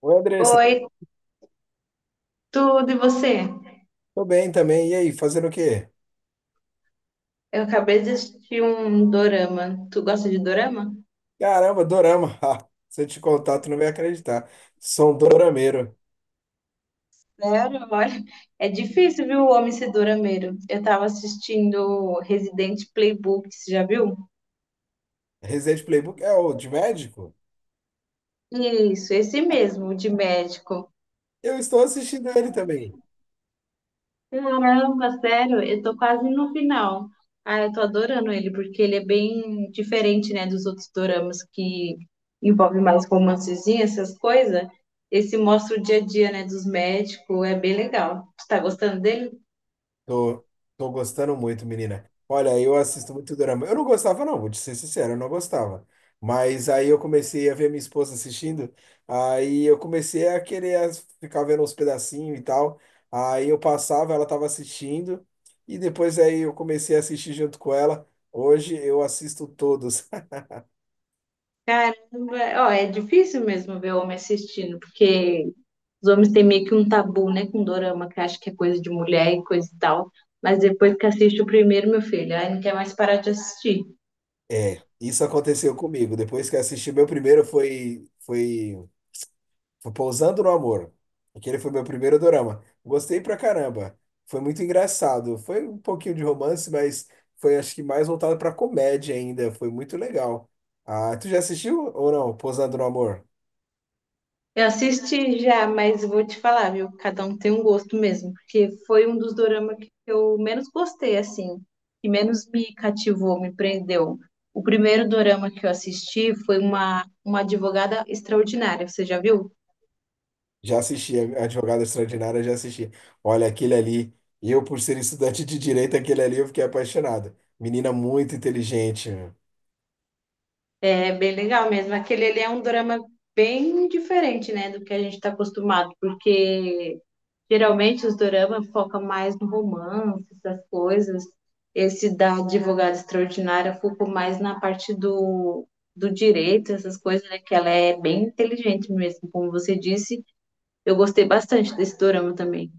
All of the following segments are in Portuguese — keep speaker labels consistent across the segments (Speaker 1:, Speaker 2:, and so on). Speaker 1: Oi, Andressa.
Speaker 2: Oi, tudo e você?
Speaker 1: Tô bem também. E aí, fazendo o quê?
Speaker 2: Eu acabei de assistir um dorama. Tu gosta de dorama?
Speaker 1: Caramba, dorama. Ah, se eu te contar, tu não vai acreditar. Sou um dorameiro.
Speaker 2: Sério? Olha, é difícil, viu, o homem ser dorameiro. Eu tava assistindo Resident Playbook, você já viu?
Speaker 1: Resident Playbook é o de médico?
Speaker 2: Isso, esse mesmo, o de médico.
Speaker 1: Eu estou assistindo ele também.
Speaker 2: Caramba, sério, eu tô quase no final. Ah, eu tô adorando ele, porque ele é bem diferente, né, dos outros doramas que envolvem mais romancezinhos, essas coisas. Esse mostra o dia a dia, né, dos médicos, é bem legal. Você tá gostando dele?
Speaker 1: Tô, tô gostando muito, menina. Olha, eu assisto muito drama. Eu não gostava, não, vou te ser sincero, eu não gostava. Mas aí eu comecei a ver minha esposa assistindo, aí eu comecei a querer ficar vendo uns pedacinhos e tal. Aí eu passava, ela tava assistindo, e depois aí eu comecei a assistir junto com ela. Hoje eu assisto todos.
Speaker 2: Caramba, ó, é difícil mesmo ver homem assistindo, porque os homens têm meio que um tabu, né, com dorama, que acha que é coisa de mulher e coisa e tal. Mas depois que assiste o primeiro, meu filho, aí não quer mais parar de assistir.
Speaker 1: É, isso aconteceu comigo. Depois que eu assisti, meu primeiro foi Pousando no Amor. Aquele foi meu primeiro dorama. Gostei pra caramba. Foi muito engraçado. Foi um pouquinho de romance, mas foi acho que mais voltado pra comédia ainda. Foi muito legal. Ah, tu já assistiu ou não? Pousando no Amor?
Speaker 2: Eu assisti já, mas vou te falar, viu? Cada um tem um gosto mesmo, porque foi um dos doramas que eu menos gostei, assim, que menos me cativou, me prendeu. O primeiro dorama que eu assisti foi uma advogada extraordinária, você já viu?
Speaker 1: Já assisti. A Advogada Extraordinária, já assisti. Olha, aquele ali. Eu, por ser estudante de direito, aquele ali eu fiquei apaixonado. Menina muito inteligente.
Speaker 2: É bem legal mesmo. Aquele ele é um drama bem diferente, né, do que a gente está acostumado, porque geralmente os doramas focam mais no romance, essas coisas. Esse da advogada extraordinária focou mais na parte do direito, essas coisas, né, que ela é bem inteligente mesmo, como você disse. Eu gostei bastante desse dorama também.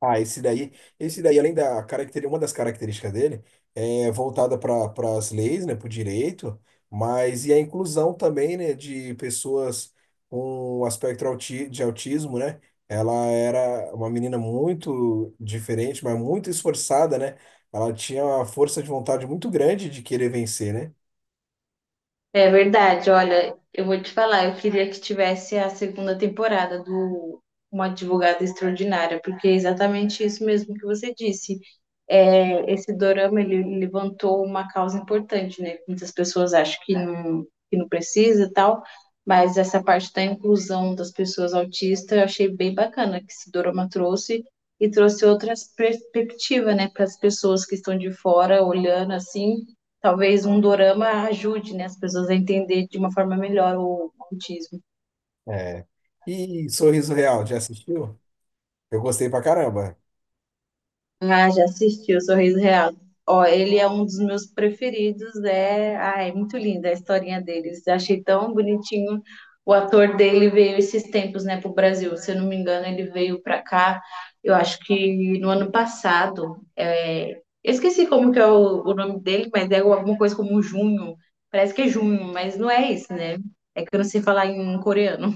Speaker 1: Ah, esse daí, além da característica, uma das características dele é voltada para as leis, né, para o direito, mas e a inclusão também, né, de pessoas com um aspecto de autismo, né? Ela era uma menina muito diferente, mas muito esforçada, né? Ela tinha uma força de vontade muito grande de querer vencer, né?
Speaker 2: É verdade, olha, eu vou te falar, eu queria que tivesse a segunda temporada do Uma Advogada Extraordinária, porque é exatamente isso mesmo que você disse é, esse dorama ele levantou uma causa importante, né? Muitas pessoas acham que não precisa e tal, mas essa parte da inclusão das pessoas autistas eu achei bem bacana que esse dorama trouxe e trouxe outras perspectivas, né, para as pessoas que estão de fora olhando assim. Talvez um dorama ajude, né, as pessoas a entender de uma forma melhor o autismo.
Speaker 1: É. E Sorriso Real, já assistiu? Eu gostei pra caramba.
Speaker 2: Ah, já assisti o Sorriso Real. Ó, ele é um dos meus preferidos. É, ah, é muito linda a historinha deles. Achei tão bonitinho. O ator dele veio esses tempos, né, pro Brasil. Se eu não me engano, ele veio para cá. Eu acho que no ano passado. É, eu esqueci como que é o nome dele, mas é alguma coisa como Junho. Parece que é Junho, mas não é isso, né? É que eu não sei falar em coreano.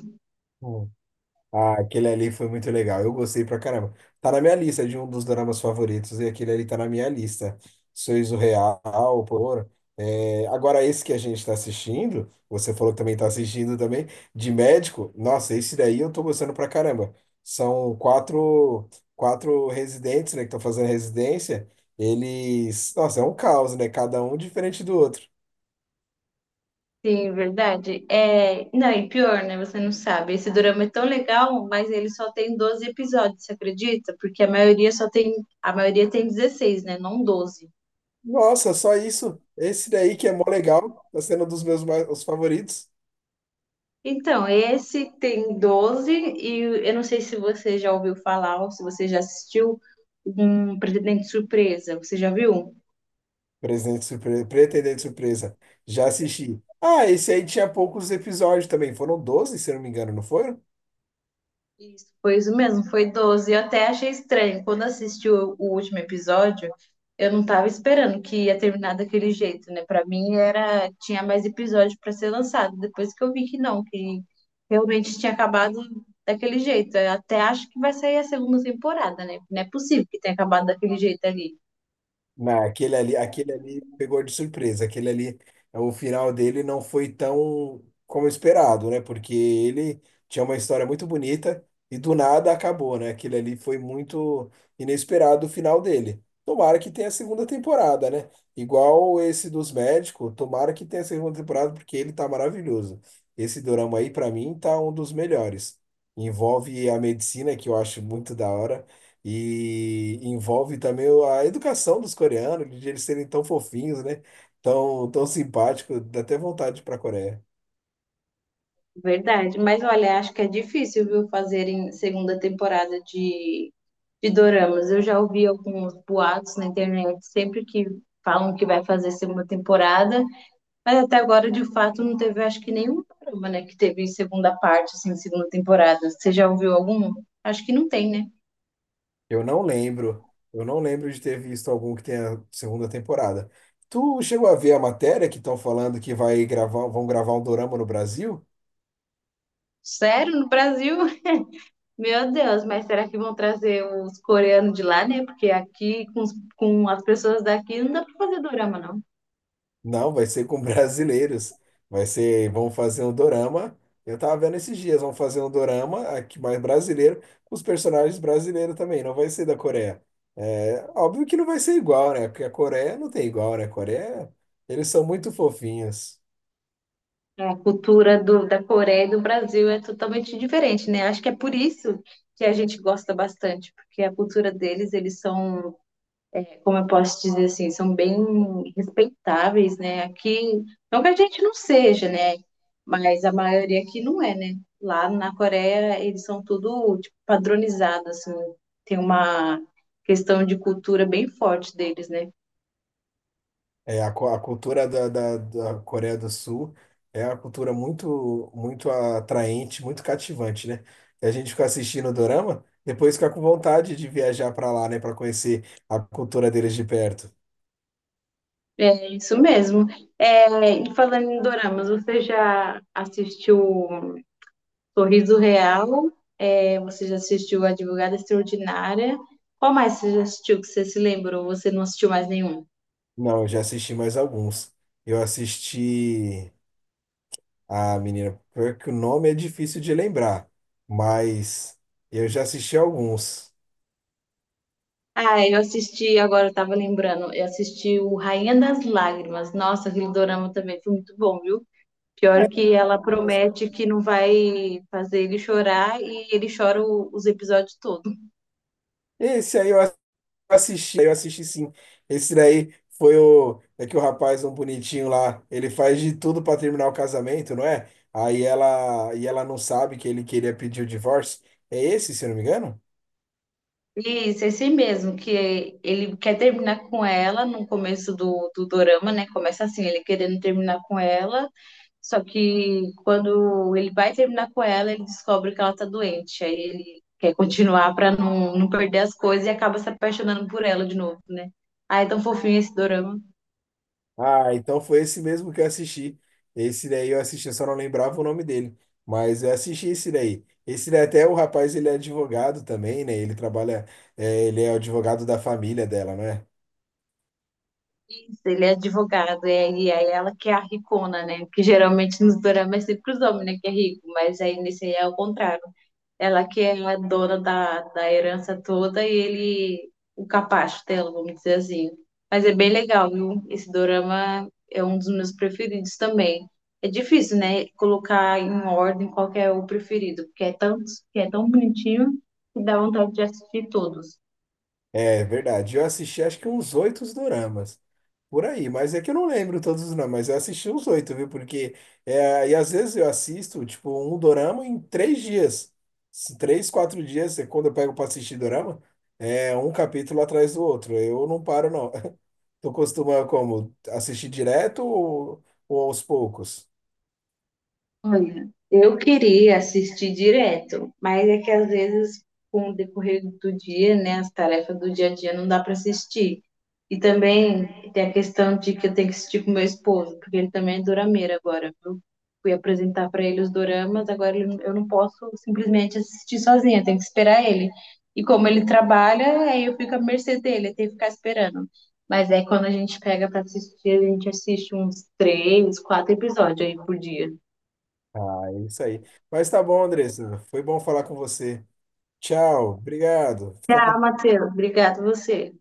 Speaker 1: Ah, aquele ali foi muito legal. Eu gostei pra caramba. Tá na minha lista de um dos dramas favoritos e aquele ali tá na minha lista. Sorriso Real, por. É, agora, esse que a gente tá assistindo, você falou que também tá assistindo também, de médico. Nossa, esse daí eu tô gostando pra caramba. São quatro residentes, né, que estão fazendo residência. Eles. Nossa, é um caos, né? Cada um diferente do outro.
Speaker 2: Sim, verdade. É, não, e pior, né? Você não sabe. Esse dorama é tão legal, mas ele só tem 12 episódios, você acredita? Porque a maioria só tem, a maioria tem 16 né? Não 12.
Speaker 1: Nossa, só isso. Esse daí que é mó legal, tá sendo um dos meus mais, os favoritos.
Speaker 2: Então, esse tem 12 e eu não sei se você já ouviu falar ou se você já assistiu um Pretendente Surpresa. Você já viu?
Speaker 1: Presidente Surpresa, Pretendente Surpresa. Já assisti. Ah, esse aí tinha poucos episódios também. Foram 12, se eu não me engano, não foram?
Speaker 2: Isso, foi isso mesmo, foi 12. Eu até achei estranho. Quando assisti o último episódio, eu não tava esperando que ia terminar daquele jeito, né? Pra mim era, tinha mais episódio pra ser lançado. Depois que eu vi que não, que realmente tinha acabado daquele jeito. Eu até acho que vai sair a segunda temporada, né? Não é possível que tenha acabado daquele jeito ali.
Speaker 1: Não, aquele ali pegou de surpresa. Aquele ali, é, o final dele não foi tão como esperado, né? Porque ele tinha uma história muito bonita e do nada acabou, né? Aquele ali foi muito inesperado o final dele. Tomara que tenha a segunda temporada, né? Igual esse dos médicos, tomara que tenha a segunda temporada porque ele tá maravilhoso. Esse dorama aí, pra mim, tá um dos melhores. Envolve a medicina, que eu acho muito da hora. E envolve também a educação dos coreanos, de eles serem tão fofinhos, né? Tão, tão simpáticos, dá até vontade para a Coreia.
Speaker 2: Verdade, mas olha, acho que é difícil, viu, fazerem segunda temporada de doramas. Eu já ouvi alguns boatos na internet, sempre que falam que vai fazer segunda temporada, mas até agora, de fato, não teve, acho que nenhum dorama, né, que teve segunda parte, assim, segunda temporada. Você já ouviu algum? Acho que não tem, né?
Speaker 1: Eu não lembro, eu não lembro de ter visto algum que tenha segunda temporada. Tu chegou a ver a matéria que estão falando que vai gravar, vão gravar um dorama no Brasil?
Speaker 2: Sério, no Brasil? Meu Deus, mas será que vão trazer os coreanos de lá, né? Porque aqui, com, os- com as pessoas daqui, não dá pra fazer dorama, não.
Speaker 1: Não, vai ser com brasileiros. Vai ser, vão fazer um dorama. Eu tava vendo esses dias, vão fazer um dorama aqui mais brasileiro, com os personagens brasileiros também, não vai ser da Coreia. É, óbvio que não vai ser igual, né? Porque a Coreia não tem igual, né? A Coreia, eles são muito fofinhos.
Speaker 2: É, a cultura do, da Coreia e do Brasil é totalmente diferente, né? Acho que é por isso que a gente gosta bastante, porque a cultura deles, eles são, como eu posso dizer assim, são bem respeitáveis, né? Aqui, não que a gente não seja, né? Mas a maioria aqui não é, né? Lá na Coreia, eles são tudo, tipo, padronizado, assim. Tem uma questão de cultura bem forte deles, né?
Speaker 1: É, a cultura da Coreia do Sul é uma cultura muito, muito atraente, muito cativante, né? E a gente fica assistindo o dorama, depois fica com vontade de viajar para lá, né, para conhecer a cultura deles de perto.
Speaker 2: É isso mesmo. É, e falando em doramas, você já assistiu Sorriso Real, é, você já assistiu Advogada Extraordinária. Qual mais você já assistiu que você se lembrou? Você não assistiu mais nenhum?
Speaker 1: Não, eu já assisti mais alguns. Eu assisti. Ah, menina, pior que o nome é difícil de lembrar, mas eu já assisti alguns.
Speaker 2: Ah, eu assisti, agora eu tava lembrando, eu assisti o Rainha das Lágrimas. Nossa, aquele dorama também foi muito bom, viu? Pior que ela promete que não vai fazer ele chorar e ele chora o- os episódios todos.
Speaker 1: Esse aí eu assisti sim. Esse daí foi o. É que o rapaz, um bonitinho lá, ele faz de tudo pra terminar o casamento, não é? Aí ela, e ela não sabe que ele queria pedir o divórcio. É esse, se eu não me engano?
Speaker 2: E isso é assim mesmo, que ele quer terminar com ela no começo do dorama, né? Começa assim, ele querendo terminar com ela. Só que quando ele vai terminar com ela, ele descobre que ela tá doente. Aí ele quer continuar pra não, não perder as coisas e acaba se apaixonando por ela de novo, né? Ah, é tão fofinho esse dorama.
Speaker 1: Ah, então foi esse mesmo que eu assisti. Esse daí eu assisti, eu só não lembrava o nome dele. Mas eu assisti esse daí. Esse daí até o rapaz, ele é advogado também, né? Ele trabalha, é, ele é o advogado da família dela, não é?
Speaker 2: Isso, ele é advogado, e aí ela que é a ricona, né? Porque geralmente nos doramas é sempre os homens, né, que é rico, mas aí nesse aí é o contrário. Ela que é a dona da herança toda e ele, o capacho dela, vamos dizer assim. Mas é bem legal, viu? Esse dorama é um dos meus preferidos também. É difícil, né? Colocar em ordem qual que é o preferido, porque é tanto, que é tão bonitinho que dá vontade de assistir todos.
Speaker 1: É verdade. Eu assisti acho que uns oito doramas. Por aí, mas é que eu não lembro todos os nomes, mas eu assisti uns oito, viu? Porque, é, e às vezes eu assisto, tipo, um dorama em 3 dias. 3, 4 dias, é quando eu pego pra assistir dorama, é um capítulo atrás do outro. Eu não paro, não. Tu costuma, como, assistir direto ou aos poucos?
Speaker 2: Olha, eu queria assistir direto, mas é que às vezes, com o decorrer do dia, né, as tarefas do dia a dia não dá para assistir. E também tem a questão de que eu tenho que assistir com meu esposo, porque ele também é dorameira agora, viu? Fui apresentar para ele os doramas, agora ele- eu não posso simplesmente assistir sozinha, eu tenho que esperar ele. E como ele trabalha, aí eu fico à mercê dele, eu tenho que ficar esperando. Mas é quando a gente pega para assistir, a gente assiste uns três, quatro episódios aí por dia.
Speaker 1: Ah, é isso aí. Mas tá bom, Andressa. Foi bom falar com você. Tchau, obrigado. Fica
Speaker 2: Ah,
Speaker 1: com
Speaker 2: Matheus, obrigado você.